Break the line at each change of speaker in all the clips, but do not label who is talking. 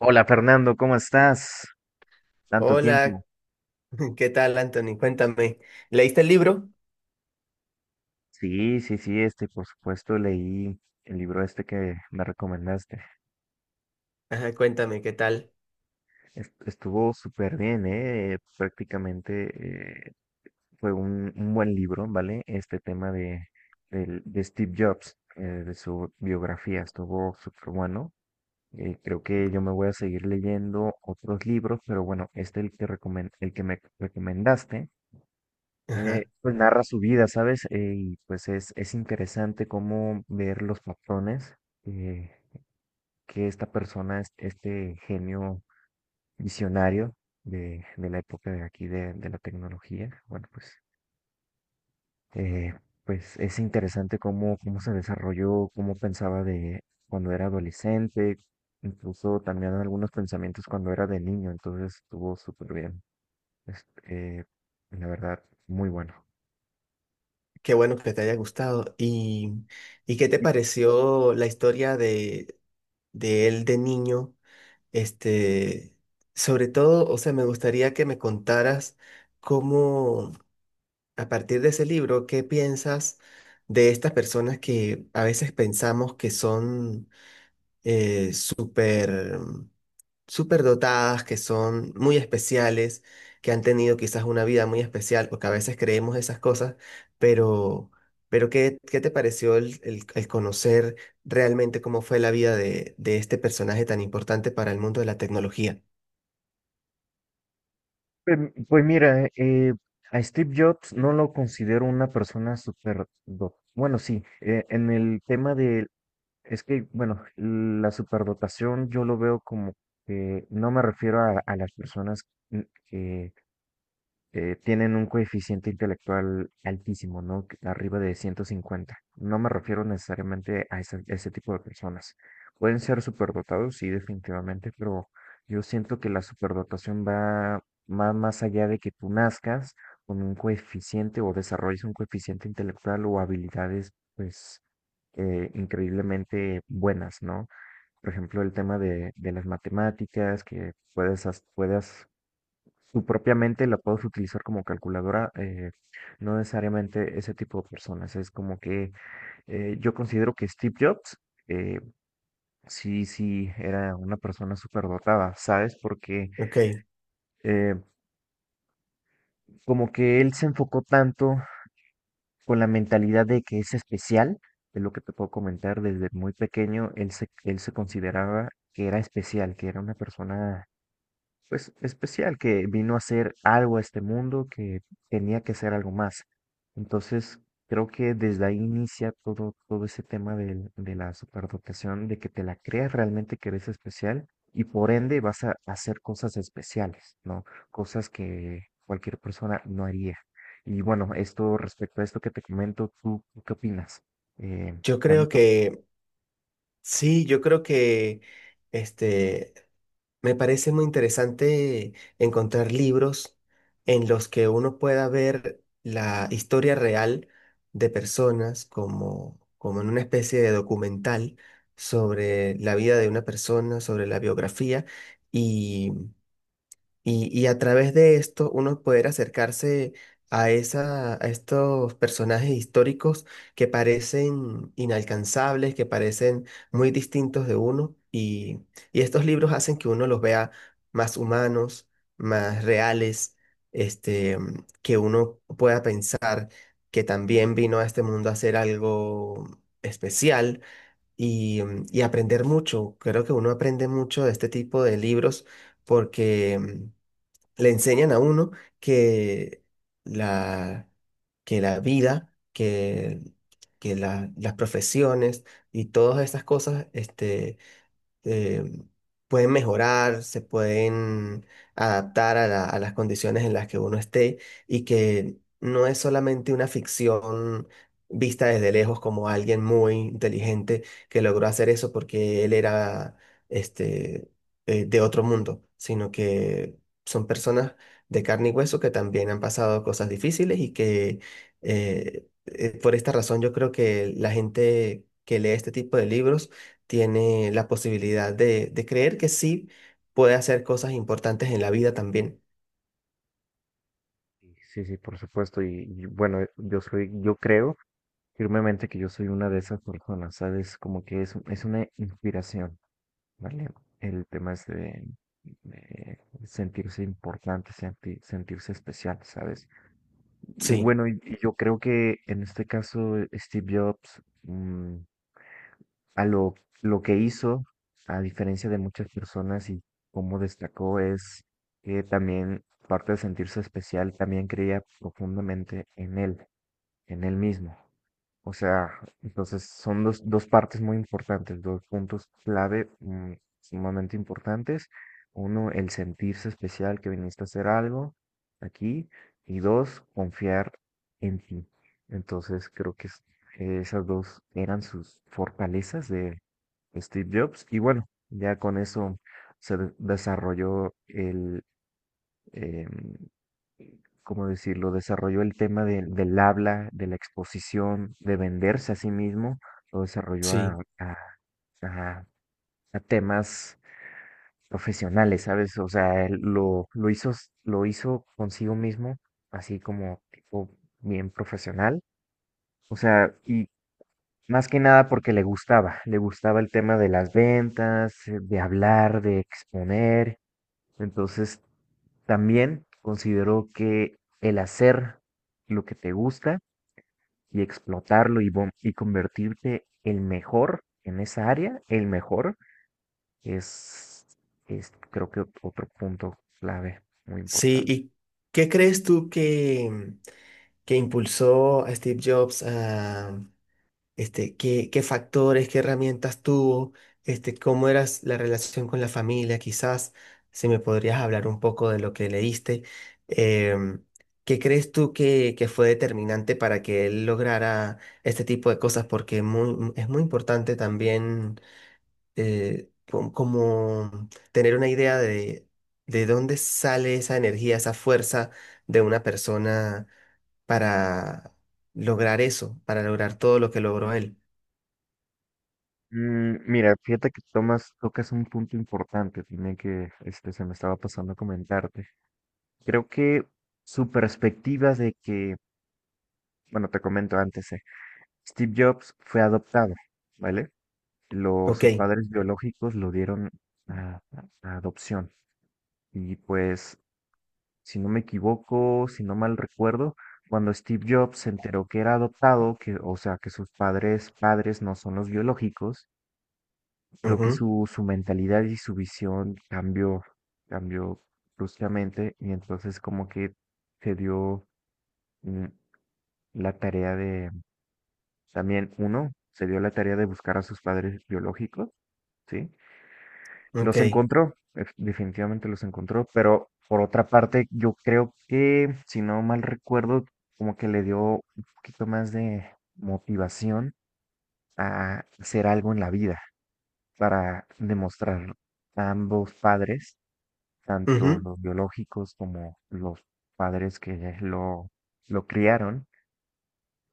Hola Fernando, ¿cómo estás? Tanto tiempo.
Hola, ¿qué tal, Anthony? Cuéntame, ¿leíste el libro?
Sí, sí, sí, por supuesto, leí el libro este que me recomendaste.
Ajá, cuéntame, ¿qué tal?
Estuvo súper bien, ¿eh? Prácticamente fue un buen libro, ¿vale? Este tema de Steve Jobs, de su biografía, estuvo súper bueno. Creo que yo me voy a seguir leyendo otros libros, pero bueno, este es el que el que me recomendaste.
Ajá,
Pues narra su vida, ¿sabes? Y pues es interesante cómo ver los patrones eh, que esta persona, este genio visionario de la época de aquí de la tecnología, bueno, pues, eh, pues es interesante cómo se desarrolló, cómo pensaba de cuando era adolescente, incluso también algunos pensamientos cuando era de niño, entonces estuvo súper bien. Este, la verdad, muy bueno.
qué bueno que te haya gustado. Y qué te pareció la historia de él de niño? Este, Sobre todo, o sea, me gustaría que me contaras cómo, a partir de ese libro, ¿qué piensas de estas personas que a veces pensamos que son eh, súper súper dotadas, que son muy especiales, que han tenido quizás una vida muy especial, porque a veces creemos esas cosas, pero, ¿pero ¿qué te pareció el conocer realmente cómo fue la vida de este personaje tan importante para el mundo de la tecnología?
Pues, pues mira, a Steve Jobs no lo considero una persona super... Bueno, sí, en el tema de... Es que, bueno, la superdotación yo lo veo como que no me refiero a las personas mm, que tienen un coeficiente intelectual altísimo, ¿no? Que- Arriba de 150. No me refiero necesariamente a ese, ese tipo de personas. Pueden ser superdotados, sí, definitivamente, pero yo siento que la superdotación va más, más allá de que tú nazcas con un coeficiente o desarrolles un coeficiente intelectual o habilidades, pues, increíblemente buenas, ¿no? Por ejemplo, el tema de las matemáticas, que puedas su propia mente la puedes utilizar como calculadora, no necesariamente ese tipo de personas. Es como que yo considero que Steve Jobs eh, sí, sí era una persona súper dotada, ¿sabes? Porque
Ok,
eh, como que él se enfocó tanto con la mentalidad de que es especial, es lo que te puedo comentar, desde muy pequeño él se consideraba que era especial, que era una persona pues especial, que vino a hacer algo a este mundo, que tenía que hacer algo más. Entonces, creo que desde ahí inicia todo, todo ese tema de la superdotación, de que te la creas realmente que eres especial y por ende vas a hacer cosas especiales, ¿no? Cosas que cualquier persona no haría. Y bueno, esto respecto a esto que te comento, ¿tú qué opinas? Eh,
yo
Dame
creo
tu opinión.
que, sí, yo creo que este, me parece muy interesante encontrar libros en los que uno pueda ver la historia real de personas como, como en una especie de documental sobre la vida de una persona, sobre la biografía y a través de esto uno poder acercarse a, esa, a estos personajes históricos que parecen inalcanzables, que parecen muy distintos de uno. Y estos libros hacen que uno los vea más humanos, más reales, este, que uno pueda pensar que también vino a este mundo a hacer algo especial y, y aprender mucho. Creo que uno aprende mucho de este tipo de libros porque le enseñan a uno que la, que la vida, que las profesiones y todas estas cosas, eh, pueden mejorar, se pueden adaptar a a las condiciones en las que uno esté y que no es solamente una ficción vista desde lejos como alguien muy inteligente que logró hacer eso porque él era este, de otro mundo, sino que son personas de carne y hueso que también han pasado cosas difíciles y que por esta razón yo creo que la gente que lee este tipo de libros tiene la posibilidad de creer que sí puede hacer cosas importantes en la vida también.
Sí, sí, por supuesto. Y bueno, yo creo firmemente que yo soy una de esas personas, ¿sabes? Como que es una inspiración, ¿vale? El tema es de sentirse importante, sentirse especial, ¿sabes? Y
Sí,
bueno, y yo creo que en este caso Steve Jobs, a lo, lo que hizo, a diferencia de muchas personas y cómo destacó, es que también, aparte de sentirse especial, también creía profundamente en él mismo. O sea, entonces son dos partes muy importantes, dos puntos clave sumamente importantes. Uno, el sentirse especial que viniste a hacer algo aquí. Y dos, confiar en ti. Entonces, creo que esas dos eran sus fortalezas de Steve Jobs. Y bueno, ya con eso desarrolló el, em, ¿cómo decirlo? Desarrolló el tema del del habla, de la exposición, de venderse a sí mismo, lo desarrolló
sí,
a- a temas profesionales, ¿sabes? O sea, lo hizo, lo hizo consigo mismo, así como tipo bien profesional. O sea, y más que nada porque le gustaba el tema de las ventas, de hablar, de exponer. Entonces, también consideró que el hacer lo que te gusta, y explotarlo y convertirte el mejor en esa área, el mejor, es, es creo que otro punto clave muy
sí.
importante.
¿Y qué crees tú que impulsó a Steve Jobs a, qué, qué factores, qué herramientas tuvo, este, cómo era la relación con la familia, quizás si me podrías hablar un poco de lo que leíste? Em, ¿Qué crees tú que fue determinante para que él lograra este tipo de cosas? Porque es muy importante también como tener una idea de dónde sale esa energía, esa fuerza de una persona para lograr eso, para lograr todo lo que logró él.
Mira, fíjate que tocas un punto importante tiene que este, se me estaba pasando a comentarte. Creo que su perspectiva de que, bueno, te comento antes, Steve Jobs fue adoptado, ¿vale?
Ok,
Sus padres biológicos lo dieron a adopción y pues si no me equivoco, si no mal recuerdo, cuando Steve Jobs se enteró que era adoptado, que, o sea, que padres no son los biológicos, creo que
ujú,
su mentalidad y su visión cambió, cambió bruscamente y entonces como que se dio mm, la tarea de, también uno, se dio la tarea de buscar a sus padres biológicos, ¿sí?
ok,
Los encontró, definitivamente los encontró, pero por otra parte, yo creo que, si no mal recuerdo, como que le dio un poquito más de motivación a hacer algo en la vida para demostrar a ambos padres, tanto
ujú.
los biológicos como los padres que lo criaron,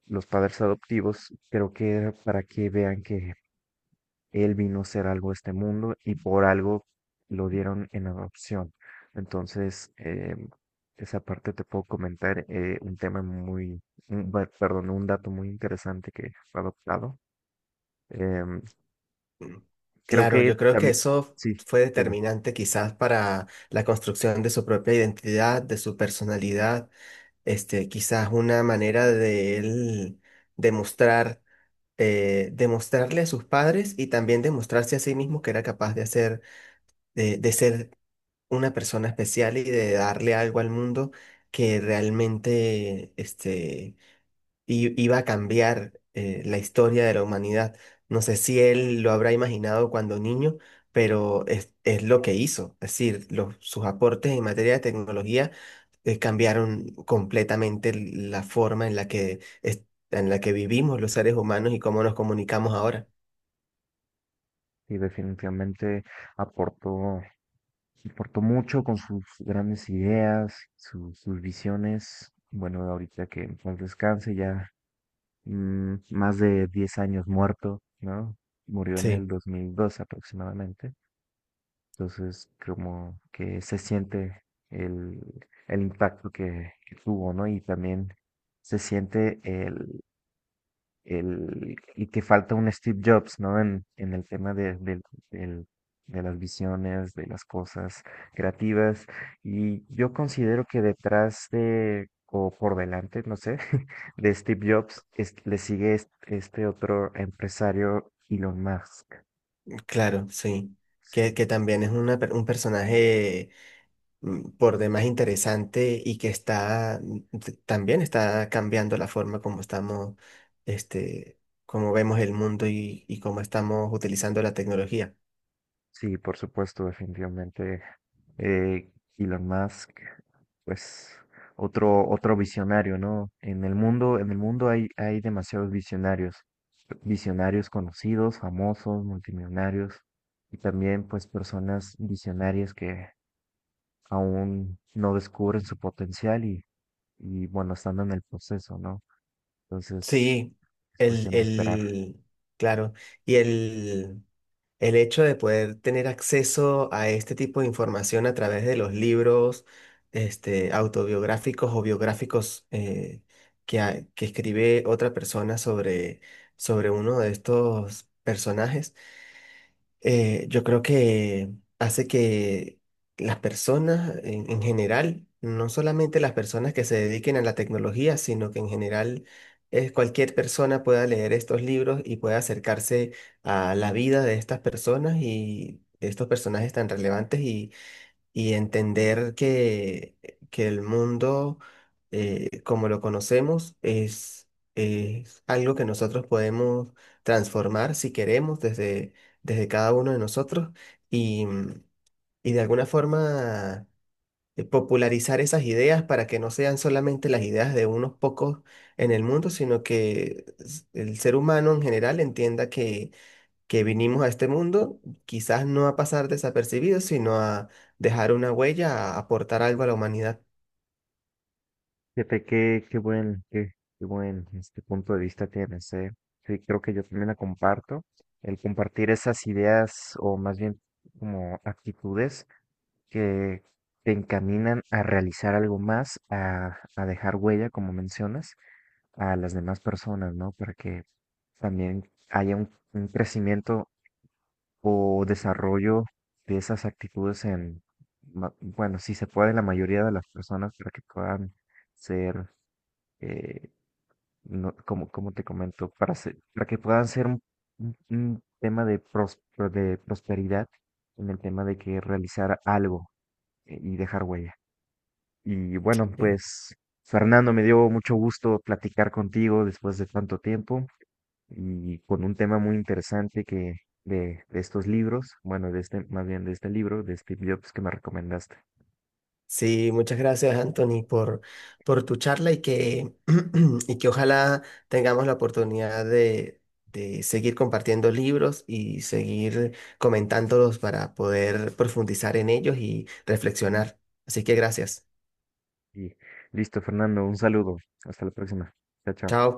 los padres adoptivos, creo que era para que vean que él vino a ser algo de este mundo y por algo lo dieron en adopción. Entonces, esa parte te puedo comentar un tema muy, un dato muy interesante que fue adoptado. Em, Creo
Claro,
que
yo creo que
también,
eso
sí,
fue
dime,
determinante quizás para la construcción de su propia identidad, de su personalidad, quizás una manera de él demostrar, demostrarle a sus padres y también demostrarse a sí mismo que era capaz de hacer, de ser una persona especial y de darle algo al mundo que realmente, y iba a cambiar la historia de la humanidad. No sé si él lo habrá imaginado cuando niño, pero es lo que hizo. Es decir, los, sus aportes en materia de tecnología cambiaron completamente la forma en la que, en la que vivimos los seres humanos y cómo nos comunicamos ahora.
sí, definitivamente aportó, aportó mucho con sus grandes ideas, sus visiones. Bueno, ahorita que en paz descanse, ya más de 10 años muerto, ¿no? Murió en
Sí,
el 2002 aproximadamente. Entonces, como que se siente el, el impacto que tuvo, ¿no? Y también se siente y que falta un Steve Jobs, ¿no? En el tema del- de las visiones, de las cosas creativas. Y yo considero que detrás de, o por delante, no sé, de Steve Jobs le sigue otro empresario, Elon Musk.
claro, sí.
Sí.
Que también es una un personaje por demás interesante y que está también está cambiando la forma como estamos, este, como vemos el mundo y cómo estamos utilizando la tecnología.
Sí, por supuesto, definitivamente. Elon Musk, pues otro visionario, ¿no? En el mundo hay, hay demasiados visionarios, visionarios conocidos, famosos, multimillonarios, y también pues personas visionarias que aún no descubren su potencial y bueno, están en el proceso, ¿no? Entonces,
Sí,
es
el,
cuestión de esperar.
claro, y el hecho de poder tener acceso a este tipo de información a través de los libros, este, autobiográficos o biográficos que escribe otra persona sobre, sobre uno de estos personajes yo creo que hace que las personas en general, no solamente las personas que se dediquen a la tecnología, sino que en general cualquier persona pueda leer estos libros y pueda acercarse a la vida de estas personas y de estos personajes tan relevantes y entender que el mundo como lo conocemos es algo que nosotros podemos transformar si queremos desde, desde cada uno de nosotros y, y de alguna forma popularizar esas ideas para que no sean solamente las ideas de unos pocos en el mundo, sino que el ser humano en general entienda que vinimos a este mundo, quizás no a pasar desapercibidos, sino a dejar una huella, a aportar algo a la humanidad.
Fíjate qué buen este punto de vista tienes, ¿eh? Sí, creo que yo también la comparto. El compartir esas ideas o más bien como actitudes que te encaminan a realizar algo más, a dejar huella, como mencionas, a las demás personas, ¿no? Para que también haya un crecimiento o desarrollo de esas actitudes en, bueno, si se puede, la mayoría de las personas para que puedan ser eh, no, como, como te comento, para que puedan ser un tema de prosperidad en el tema de que realizar algo y dejar huella. Y bueno,
Sí,
pues Fernando, me dio mucho gusto platicar contigo después de tanto tiempo y con un tema muy interesante que de estos libros, bueno, de este, más bien de este libro, de Steve Jobs que me recomendaste.
sí, muchas gracias, Anthony, por tu charla y que, y que ojalá tengamos la oportunidad de seguir compartiendo libros y seguir comentándolos para poder profundizar en ellos y reflexionar. Así que gracias.
Y listo, Fernando, un saludo. Hasta la próxima. Chao, chao.
Chao.